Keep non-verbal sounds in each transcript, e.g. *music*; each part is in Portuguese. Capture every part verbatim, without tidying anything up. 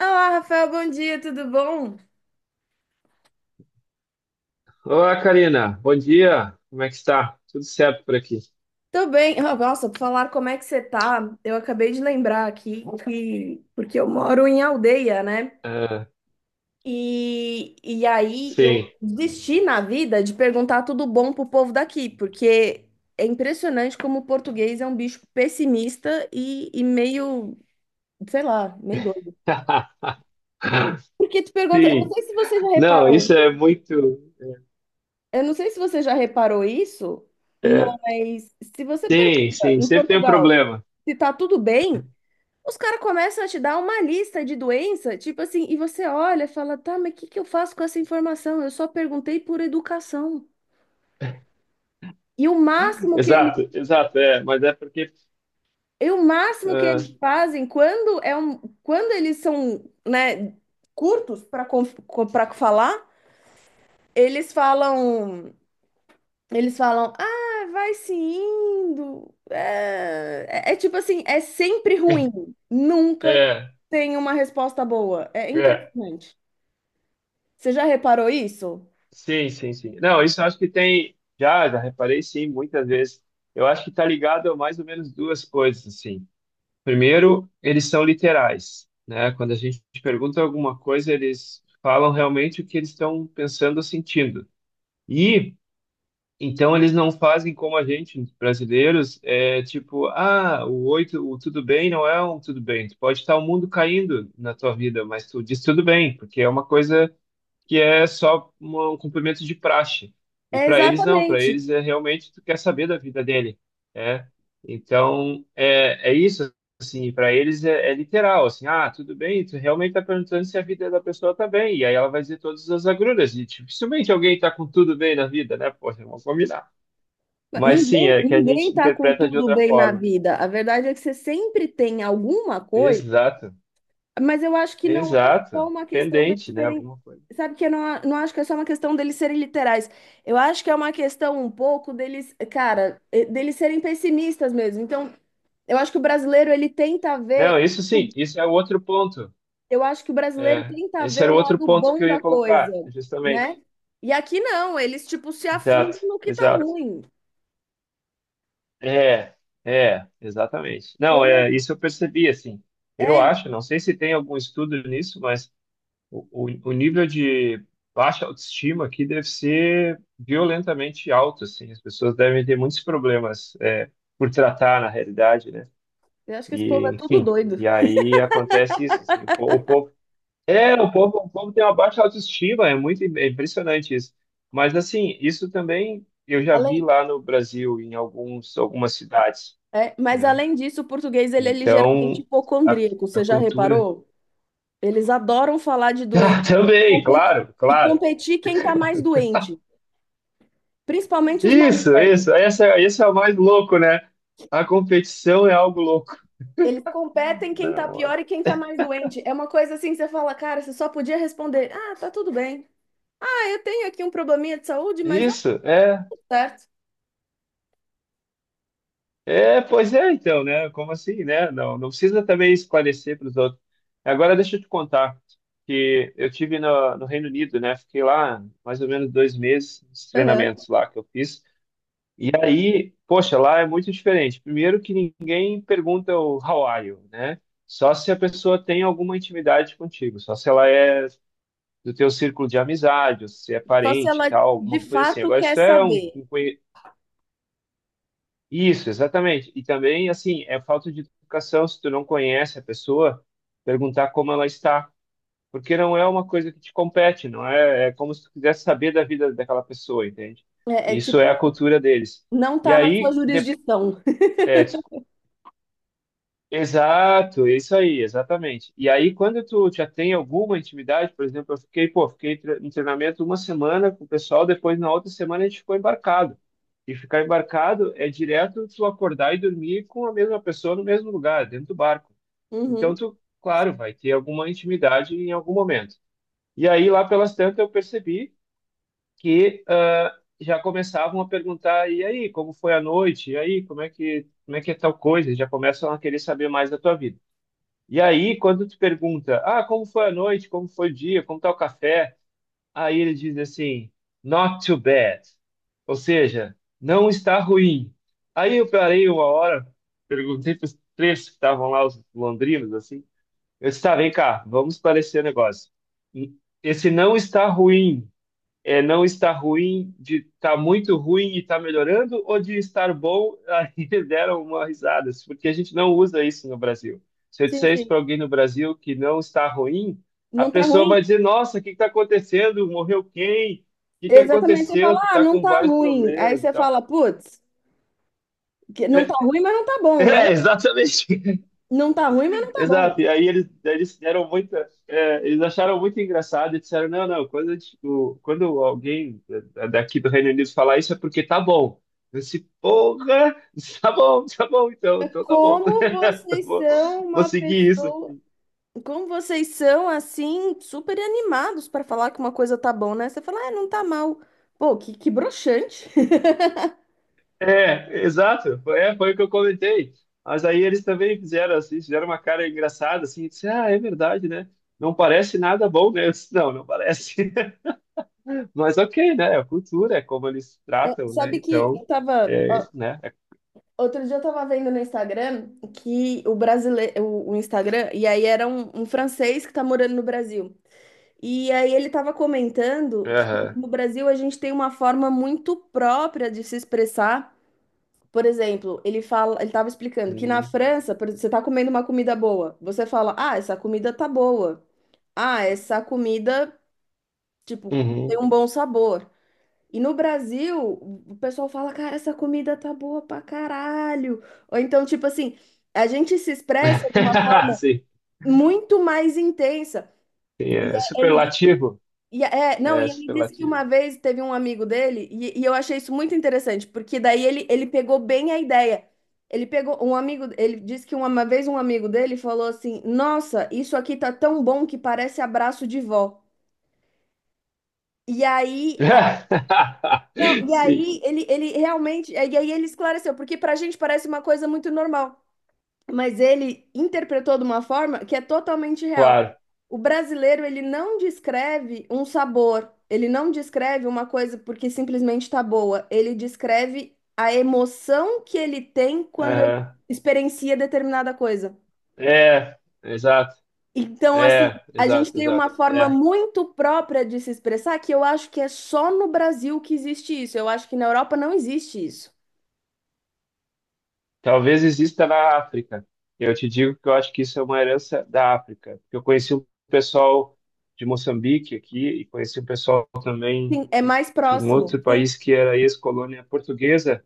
Olá, Rafael, bom dia, tudo bom? Olá, Karina. Bom dia. Como é que está? Tudo certo por aqui? Tô bem. Ah, nossa, por falar como é que você tá, eu acabei de lembrar aqui que. Porque eu moro em aldeia, né? Ah, E, e aí eu sim. desisti na vida de perguntar tudo bom pro povo daqui, porque é impressionante como o português é um bicho pessimista e, e meio, sei lá, meio doido. *laughs* Porque tu pergunta... Eu não Sim. sei se você já Não, reparou... isso é muito. Eu não sei se você já reparou isso, É, é, mas se você sim, pergunta sim. em Sempre tem um Portugal problema. se tá tudo bem, os caras começam a te dar uma lista de doença, tipo assim, e você olha e fala, tá, mas o que que eu faço com essa informação? Eu só perguntei por educação. E o máximo que ele, Exato, exato. É, mas é porque. e o máximo que eles Ah, fazem quando é um, quando eles são, né, curtos para para falar, eles falam, eles falam, ah, vai se indo. É, é é tipo assim, é sempre ruim. Nunca é, tem uma resposta boa. É é. impressionante. Você já reparou isso? Sim, sim, sim. Não, isso eu acho que tem. Já, já reparei, sim, muitas vezes. Eu acho que está ligado a mais ou menos duas coisas, assim. Primeiro, eles são literais, né? Quando a gente pergunta alguma coisa, eles falam realmente o que eles estão pensando ou sentindo. E então eles não fazem como a gente, brasileiros, é tipo, ah, o oito, o tudo bem não é um tudo bem. Tu pode estar o mundo caindo na tua vida, mas tu diz tudo bem, porque é uma coisa que é só uma- um cumprimento de praxe. E É para eles não, para exatamente. eles é realmente tu quer saber da vida dele, né? Então é, é isso assim, para eles é, é literal assim, ah, tudo bem, tu realmente está perguntando se a vida da pessoa tá bem, e aí ela vai dizer todas as agruras, e tipo, dificilmente alguém tá com tudo bem na vida, né? Poxa, vamos combinar. Mas sim, Ninguém, é que a ninguém gente tá com interpreta de tudo outra bem na forma. vida. A verdade é que você sempre tem alguma coisa, Exato, mas eu acho que não é só exato. uma questão deles Pendente, né? serem. Alguma coisa. Sabe que eu não, a- não acho que é só uma questão deles serem literais. Eu acho que é uma questão um pouco deles, cara, eh, deles serem pessimistas mesmo. Então, eu acho que o brasileiro ele tenta Não, ver isso sim, isso é outro ponto. eu acho que o brasileiro É, tenta esse ver era o o outro lado ponto que bom eu ia da coisa, colocar, né? justamente. E aqui não, eles tipo se afundam Exato, no que tá exato. ruim. É, é, exatamente. Eu Não, não, é, isso eu percebi, assim. Eu é, acho, não sei se tem algum estudo nisso, mas o, o, o nível de baixa autoestima aqui deve ser violentamente alto, assim. As pessoas devem ter muitos problemas, é, por tratar, na realidade, né? eu acho que esse povo é E, tudo enfim, doido. e aí acontece isso, assim. O, po- o povo É, o povo, O povo tem uma baixa autoestima, é muito im- é impressionante isso. Mas assim, isso também eu já vi Além, lá no Brasil, em alguns, algumas cidades, é, mas né? além disso, o português ele é ligeiramente Então, a, hipocondríaco, você a já cultura. reparou? *laughs* Eles adoram falar de doente Ah, também, competir- claro, e claro. competir quem tá mais doente, principalmente os mais Isso, velhos. isso. Essa, esse é o mais louco, né? A competição é algo louco. Eles competem quem tá Não, olha. pior e quem tá mais doente. É uma coisa assim, que você fala, cara, você só podia responder, ah, tá tudo bem. Eu tenho aqui um probleminha de saúde, mas é Isso, é. tudo certo. É, pois é, então, né? Como assim, né? Não, não precisa também esclarecer para os outros. Agora, deixa eu te contar que eu tive no, no Reino Unido, né? Fiquei lá mais ou menos dois meses nos Aham. treinamentos lá que eu fiz. E aí, poxa, lá é muito diferente. Primeiro que ninguém pergunta o how are you, né? Só se a pessoa tem alguma intimidade contigo, só se ela é do teu círculo de amizade, ou se é Só se parente e ela tal, de alguma coisa assim. fato Agora, quer isso é um, saber. isso, exatamente. E também, assim, é falta de educação se tu não conhece a pessoa, perguntar como ela está, porque não é uma coisa que te compete, não é, é como se tu quisesse saber da vida daquela pessoa, entende? É, é Isso é a tipo, cultura deles. não E tá na sua aí, de, jurisdição. é, exato, é isso aí, exatamente. E aí, quando tu já tem alguma intimidade, por exemplo, eu fiquei, pô, fiquei tre- em treinamento uma semana com o pessoal, depois na outra semana a gente ficou embarcado. E ficar embarcado é direto tu acordar e dormir com a mesma pessoa no mesmo lugar, dentro do barco. Então, Uhum. tu, claro, vai ter alguma intimidade em algum momento. E aí, lá pelas tantas, eu percebi que ah, já começavam a perguntar, e aí, como foi a noite? E aí, como é que, como é que é tal coisa? Já começam a querer saber mais da tua vida. E aí, quando tu pergunta, ah, como foi a noite, como foi o dia, como tá o café? Aí ele diz assim, not too bad. Ou seja, não está ruim. Aí eu parei uma hora, perguntei para os três que estavam lá, os londrinos, assim. Eu disse, tá, vem cá, vamos esclarecer o negócio. Esse não está ruim é não está ruim, de está muito ruim e está melhorando, ou de estar bom. *laughs* Aí deram uma risada, porque a gente não usa isso no Brasil. Se eu Sim, disser isso sim. para alguém no Brasil que não está ruim, a Não tá pessoa vai ruim? dizer: Nossa, o que está acontecendo? Morreu quem? O que que Exatamente, você fala, aconteceu? Tu ah, está não com tá vários ruim. Aí problemas e você tal. fala, putz, que não tá É, ruim, mas não tá bom, né? *laughs* é, exatamente. Não tá ruim, mas não tá Exato, bom. e aí eles, eles deram muita, é, eles acharam muito engraçado e disseram, não, não, quando, tipo quando alguém da- daqui do Reino Unido falar isso é porque tá bom. Eu disse, porra, *laughs* tá bom, tá bom, então, É, então tá bom. como *laughs* Tá vocês bom, são vou uma seguir isso. pessoa. Como vocês são assim, super animados para falar que uma coisa tá bom, né? Você fala, ah, não tá mal. Pô, que, que broxante. É, exato, foi, é, foi o que eu comentei. Mas aí eles também fizeram assim, fizeram uma cara engraçada, assim, e disse, ah, é verdade, né? Não parece nada bom, né? Eu disse, não, não parece. Mas ok, né? É A cultura é como eles *laughs* tratam, né? Sabe que Então, eu tava. é, Ó, né? outro dia eu tava vendo no Instagram que o brasileiro. O, o Instagram, e aí era um, um francês que tá morando no Brasil. E aí ele tava É, comentando que aham. no Brasil a gente tem uma forma muito própria de se expressar. Por exemplo, ele fala, ele tava explicando que na Hum, França, por exemplo, você tá comendo uma comida boa, você fala, ah, essa comida tá boa. Ah, essa comida, tipo, tem uhum. um bom sabor. E no Brasil, o pessoal fala, cara, essa comida tá boa pra caralho. Ou então, tipo assim, a gente se expressa de uma *laughs* forma Sim, muito mais intensa. sim, é Ele diz, superlativo. e é, não, É e ele disse que superlativo. uma vez teve um amigo dele, e, e eu achei isso muito interessante, porque daí ele, ele pegou bem a ideia. Ele pegou um amigo, ele disse que uma vez um amigo dele falou assim: nossa, isso aqui tá tão bom que parece abraço de vó. E aí, *laughs* não, e Sim, aí ele, ele realmente, e aí ele esclareceu, porque pra gente parece uma coisa muito normal, mas ele interpretou de uma forma que é totalmente real. claro. O brasileiro, ele não descreve um sabor, ele não descreve uma coisa porque simplesmente tá boa, ele descreve a emoção que ele tem quando ele Aham. experiencia determinada coisa. É, exato. Então, assim, É, a gente exato, tem exato. uma forma É. muito própria de se expressar que eu acho que é só no Brasil que existe isso. Eu acho que na Europa não existe isso. Talvez exista na África. Eu te digo que eu acho que isso é uma herança da África. Eu conheci um pessoal de Moçambique aqui e conheci um pessoal também Sim, é mais de um próximo. outro Sim, país que era ex-colônia portuguesa.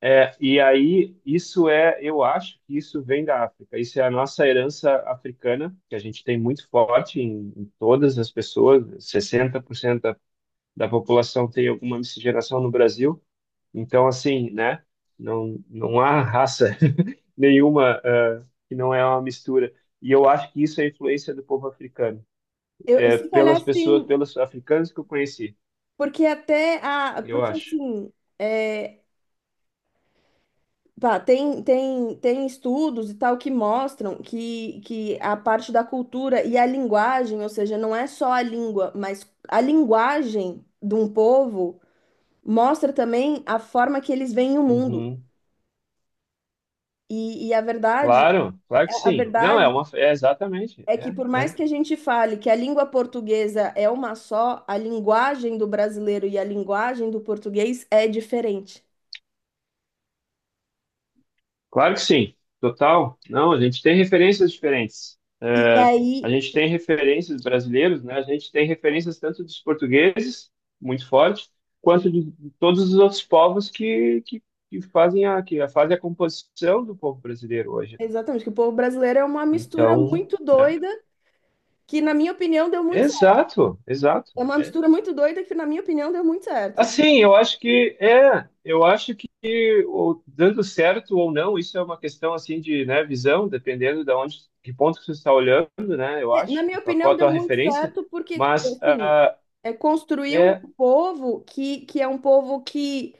É, e aí, isso é, eu acho que isso vem da África. Isso é a nossa herança africana, que a gente tem muito forte em, em todas as pessoas. sessenta por cento da, da população tem alguma miscigenação no Brasil. Então, assim, né? Não, não há raça *laughs* nenhuma eh, que não é uma mistura. E eu acho que isso é influência do povo africano. eu, eu É se calhar pelas pessoas, sim, pelos africanos que eu conheci, porque até a, eu porque acho. assim, é, pá, tem, tem, tem estudos e tal que mostram que, que a parte da cultura e a linguagem, ou seja, não é só a língua, mas a linguagem de um povo mostra também a forma que eles veem o mundo. Uhum. E, e a verdade, Claro, claro a que a sim. Não, é verdade uma, é exatamente, é é, que por mais é. que a gente fale que a língua portuguesa é uma só, a linguagem do brasileiro e a linguagem do português é diferente. Claro que sim, total. Não, a gente tem referências diferentes. E É, a aí, gente tem referências brasileiros, né? A gente tem referências tanto dos portugueses, muito forte, quanto de, de todos os outros povos que, que, que fazem a, que fazem a composição do povo brasileiro hoje, né? exatamente, que o povo brasileiro é uma mistura Então, muito né? doida, que na minha opinião deu muito certo. Exato, exato. É uma É mistura muito doida que na minha opinião deu muito certo. Assim, eu acho que é, eu acho que o- dando certo ou não, isso é uma questão assim de, né, visão, dependendo de onde, que ponto que você está olhando, né? Eu É, na acho, minha de qual opinião qual a deu tua muito referência, certo porque, mas assim, ah, é, construiu é, um povo que, que é um povo que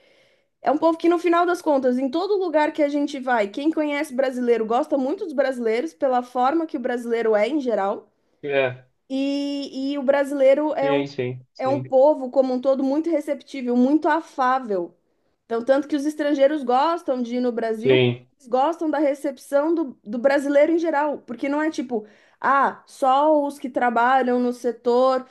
É um povo que, no final das contas, em todo lugar que a gente vai, quem conhece brasileiro gosta muito dos brasileiros, pela forma que o brasileiro é em geral. é, E, e o brasileiro é um, sim, sim, é um sim, povo, como um todo, muito receptível, muito afável. Então, tanto que os estrangeiros gostam de ir no Brasil, sim, eles gostam da recepção do, do brasileiro em geral, porque não é tipo, ah, só os que trabalham no setor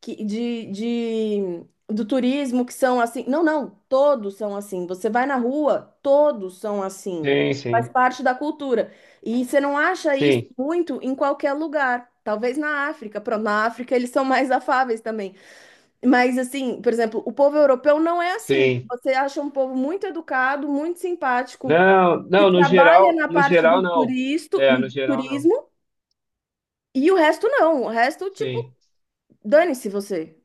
que- de, de- do turismo que são assim. Não, não, todos são assim. Você vai na rua, todos são assim. sim, Faz sim, parte da cultura. E você não acha isso sim, muito em qualquer lugar. Talvez na África. Pronto, na África eles são mais afáveis também. Mas assim, por exemplo, o povo europeu não é assim. sim. Você acha um povo muito educado, muito simpático. Não, Que não, no trabalha geral, na no parte geral do não. turisto, É, do no geral não. turismo, e o resto não. O resto, tipo, Sim. dane-se você.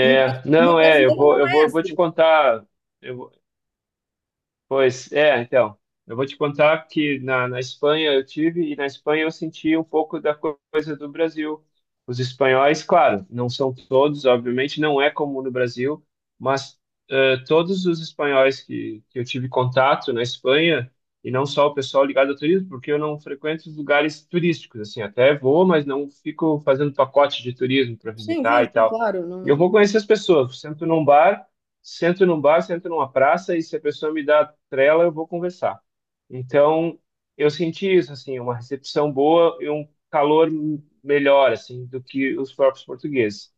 E o, bra- e o não é, eu brasileiro vou, não eu é vou, eu vou te assim. contar. Eu, Pois é, então, eu vou te contar que na, na Espanha eu tive e na Espanha eu senti um pouco da co- coisa do Brasil. Os espanhóis, claro, não são todos, obviamente, não é como no Brasil, mas eh, todos os espanhóis que, que eu tive contato na Espanha, e não só o pessoal ligado ao turismo, porque eu não frequento os lugares turísticos, assim, até vou, mas não fico fazendo pacote de turismo para Sim, sim, visitar e sim, tal. claro. E eu Não. vou conhecer as pessoas, sento num bar sento num bar, sento numa praça e se a pessoa me dá trela, eu vou conversar. Então, eu senti isso, assim, uma recepção boa e um calor m- melhor, assim, do que os próprios portugueses.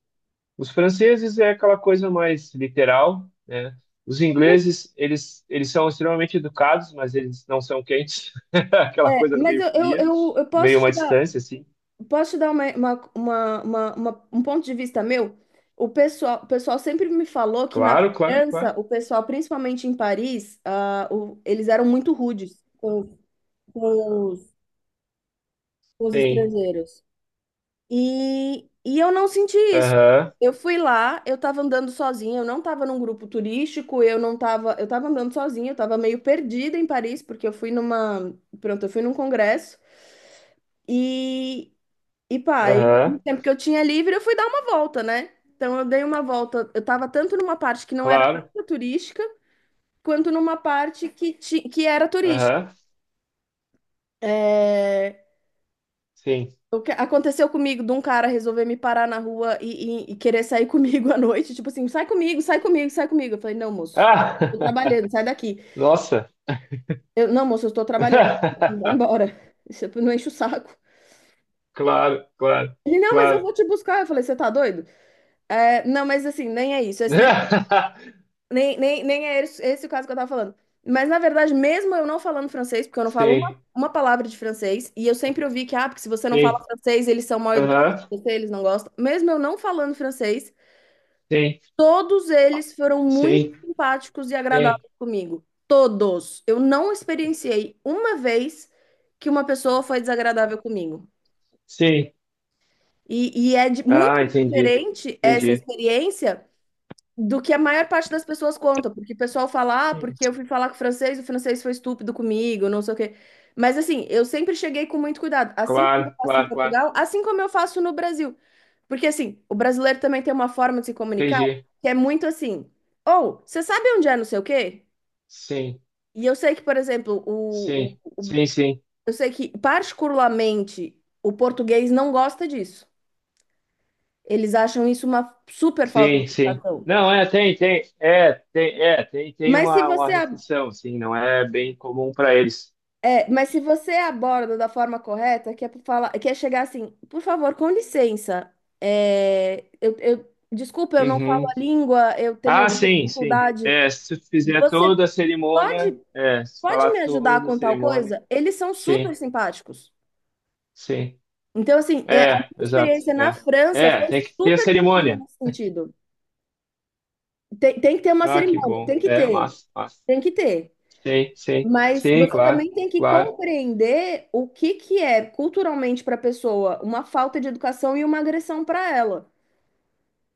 Os franceses é aquela coisa mais literal, né? Os Mas, ingleses, eles, eles são extremamente educados, mas eles não são quentes. *laughs* Aquela é, coisa mas meio eu, eu, fria, eu, eu posso meio uma te dar, distância, assim. posso te dar uma, uma, uma, uma- uma- um ponto de vista meu. O pessoal, o pessoal sempre me falou que na Claro, claro, claro. França, o pessoal, principalmente em Paris, ah, o- eles eram muito rudes com, com os, com os Sim. estrangeiros. E, e eu não senti isso. Aham, Eu fui lá, eu tava andando sozinha, eu não tava num grupo turístico, eu não tava, eu tava andando sozinha, eu tava meio perdida em Paris, porque eu fui numa, pronto, eu fui num congresso e, e pá, e no aham, tempo que eu tinha livre, eu fui dar uma volta, né? Então eu dei uma volta, eu tava tanto numa parte que não era claro. nada turística, quanto numa parte que, ti, que era turística. Aham, É. sim. O que aconteceu comigo de um cara resolver me parar na rua e, e- e querer sair *laughs* comigo à noite, tipo assim, sai comigo, sai comigo, sai comigo. Eu falei, não, moço, Ah, tô trabalhando, sai daqui. *laughs* nossa. Eu, não, moço, eu estou trabalhando, vai *laughs* embora. *laughs* Isso não enche o saco. Claro, claro, Ele, não, mas eu claro. vou te buscar. Eu falei, você tá doido? É, não, mas assim, nem é isso. Esse nem, *laughs* nem, nem, nem é esse, esse o caso que eu tava falando. Mas, na verdade, mesmo eu não falando francês, porque eu não falo uma, Sim, uma palavra de francês, e eu sempre ouvi que, ah, porque se você não fala sim, francês, eles são mal educados aham, com você, eles não gostam. Mesmo eu não falando francês, sim, todos eles foram muito sim, simpáticos e sim, agradáveis comigo. Todos. Eu não experienciei uma vez que uma pessoa foi desagradável comigo. sim. E, e é di- Ah, muito entendi, diferente essa entendi. experiência do que a maior parte das pessoas conta, porque o pessoal fala, ah, porque Sim. eu fui falar com o francês, o francês foi estúpido comigo, não sei o quê. Mas assim, eu sempre cheguei com muito cuidado, assim como eu Claro, faço em claro, claro, Portugal, assim como eu faço no Brasil. Porque assim, o brasileiro também tem uma forma de se comunicar entendi. que é muito assim, ou você sabe onde é não sei o quê? Sim, E eu sei que, por exemplo, o, o- sim, o- sim, sim, eu sei que particularmente o português não gosta disso. Eles acham isso uma super falta de sim, sim. educação. Não, é, tem, tem, é, tem, é, tem, tem Mas se uma, uma você ab- restrição, sim, não é bem comum para eles. é, mas se você aborda da forma correta, que é pra falar, que é chegar assim, por favor, com licença, é, eu, eu- desculpa, eu não falo Uhum. a língua, eu tenho Ah, alguma sim, sim. dificuldade. É, se tu fizer Você toda a cerimônia, Pode é, se pode falar me ajudar toda a com tal cerimônia, coisa? Eles são super sim. simpáticos. Sim. Então, assim, é, a É, minha exato. experiência na É. França É, foi tem que ter a super tranquila cerimônia. nesse sentido. Tem, tem que ter uma Ah, que cerimônia, bom. tem que É, ter, massa, massa. tem que ter. Sim, sim. Mas Sim, você claro, também tem que claro. compreender o que que é culturalmente para a pessoa uma falta de educação e uma agressão para ela.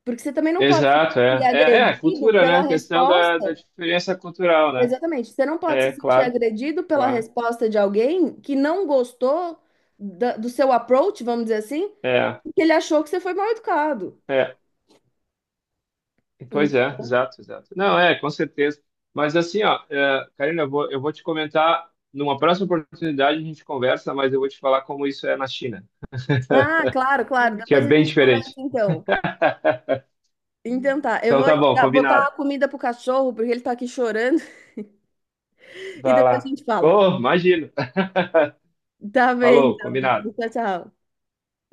Porque você também não pode Exato, ser é. É, é agredido cultura, né? pela Questão resposta. da, da diferença cultural, né? Exatamente. Você não pode se É, sentir claro, agredido pela claro. resposta de alguém que não gostou da- do seu approach, vamos dizer assim, É, porque ele achou que você foi mal educado. é. Pois Ent- é, exato, exato. Não, é, com certeza. Mas assim, ó, é, Karina, eu vou, eu vou te comentar, numa próxima oportunidade a gente conversa, mas eu vou te falar como isso é na China, Ah, claro, claro. que é Depois a bem gente conversa diferente. então. Então tá, eu Então vou tá bom, dar- botar combinado. a comida pro cachorro, porque ele tá aqui chorando, *laughs* e Vai depois a lá. gente fala. Oh, imagino. *laughs* Tá bem, Falou, então. combinado. Tchau, tchau.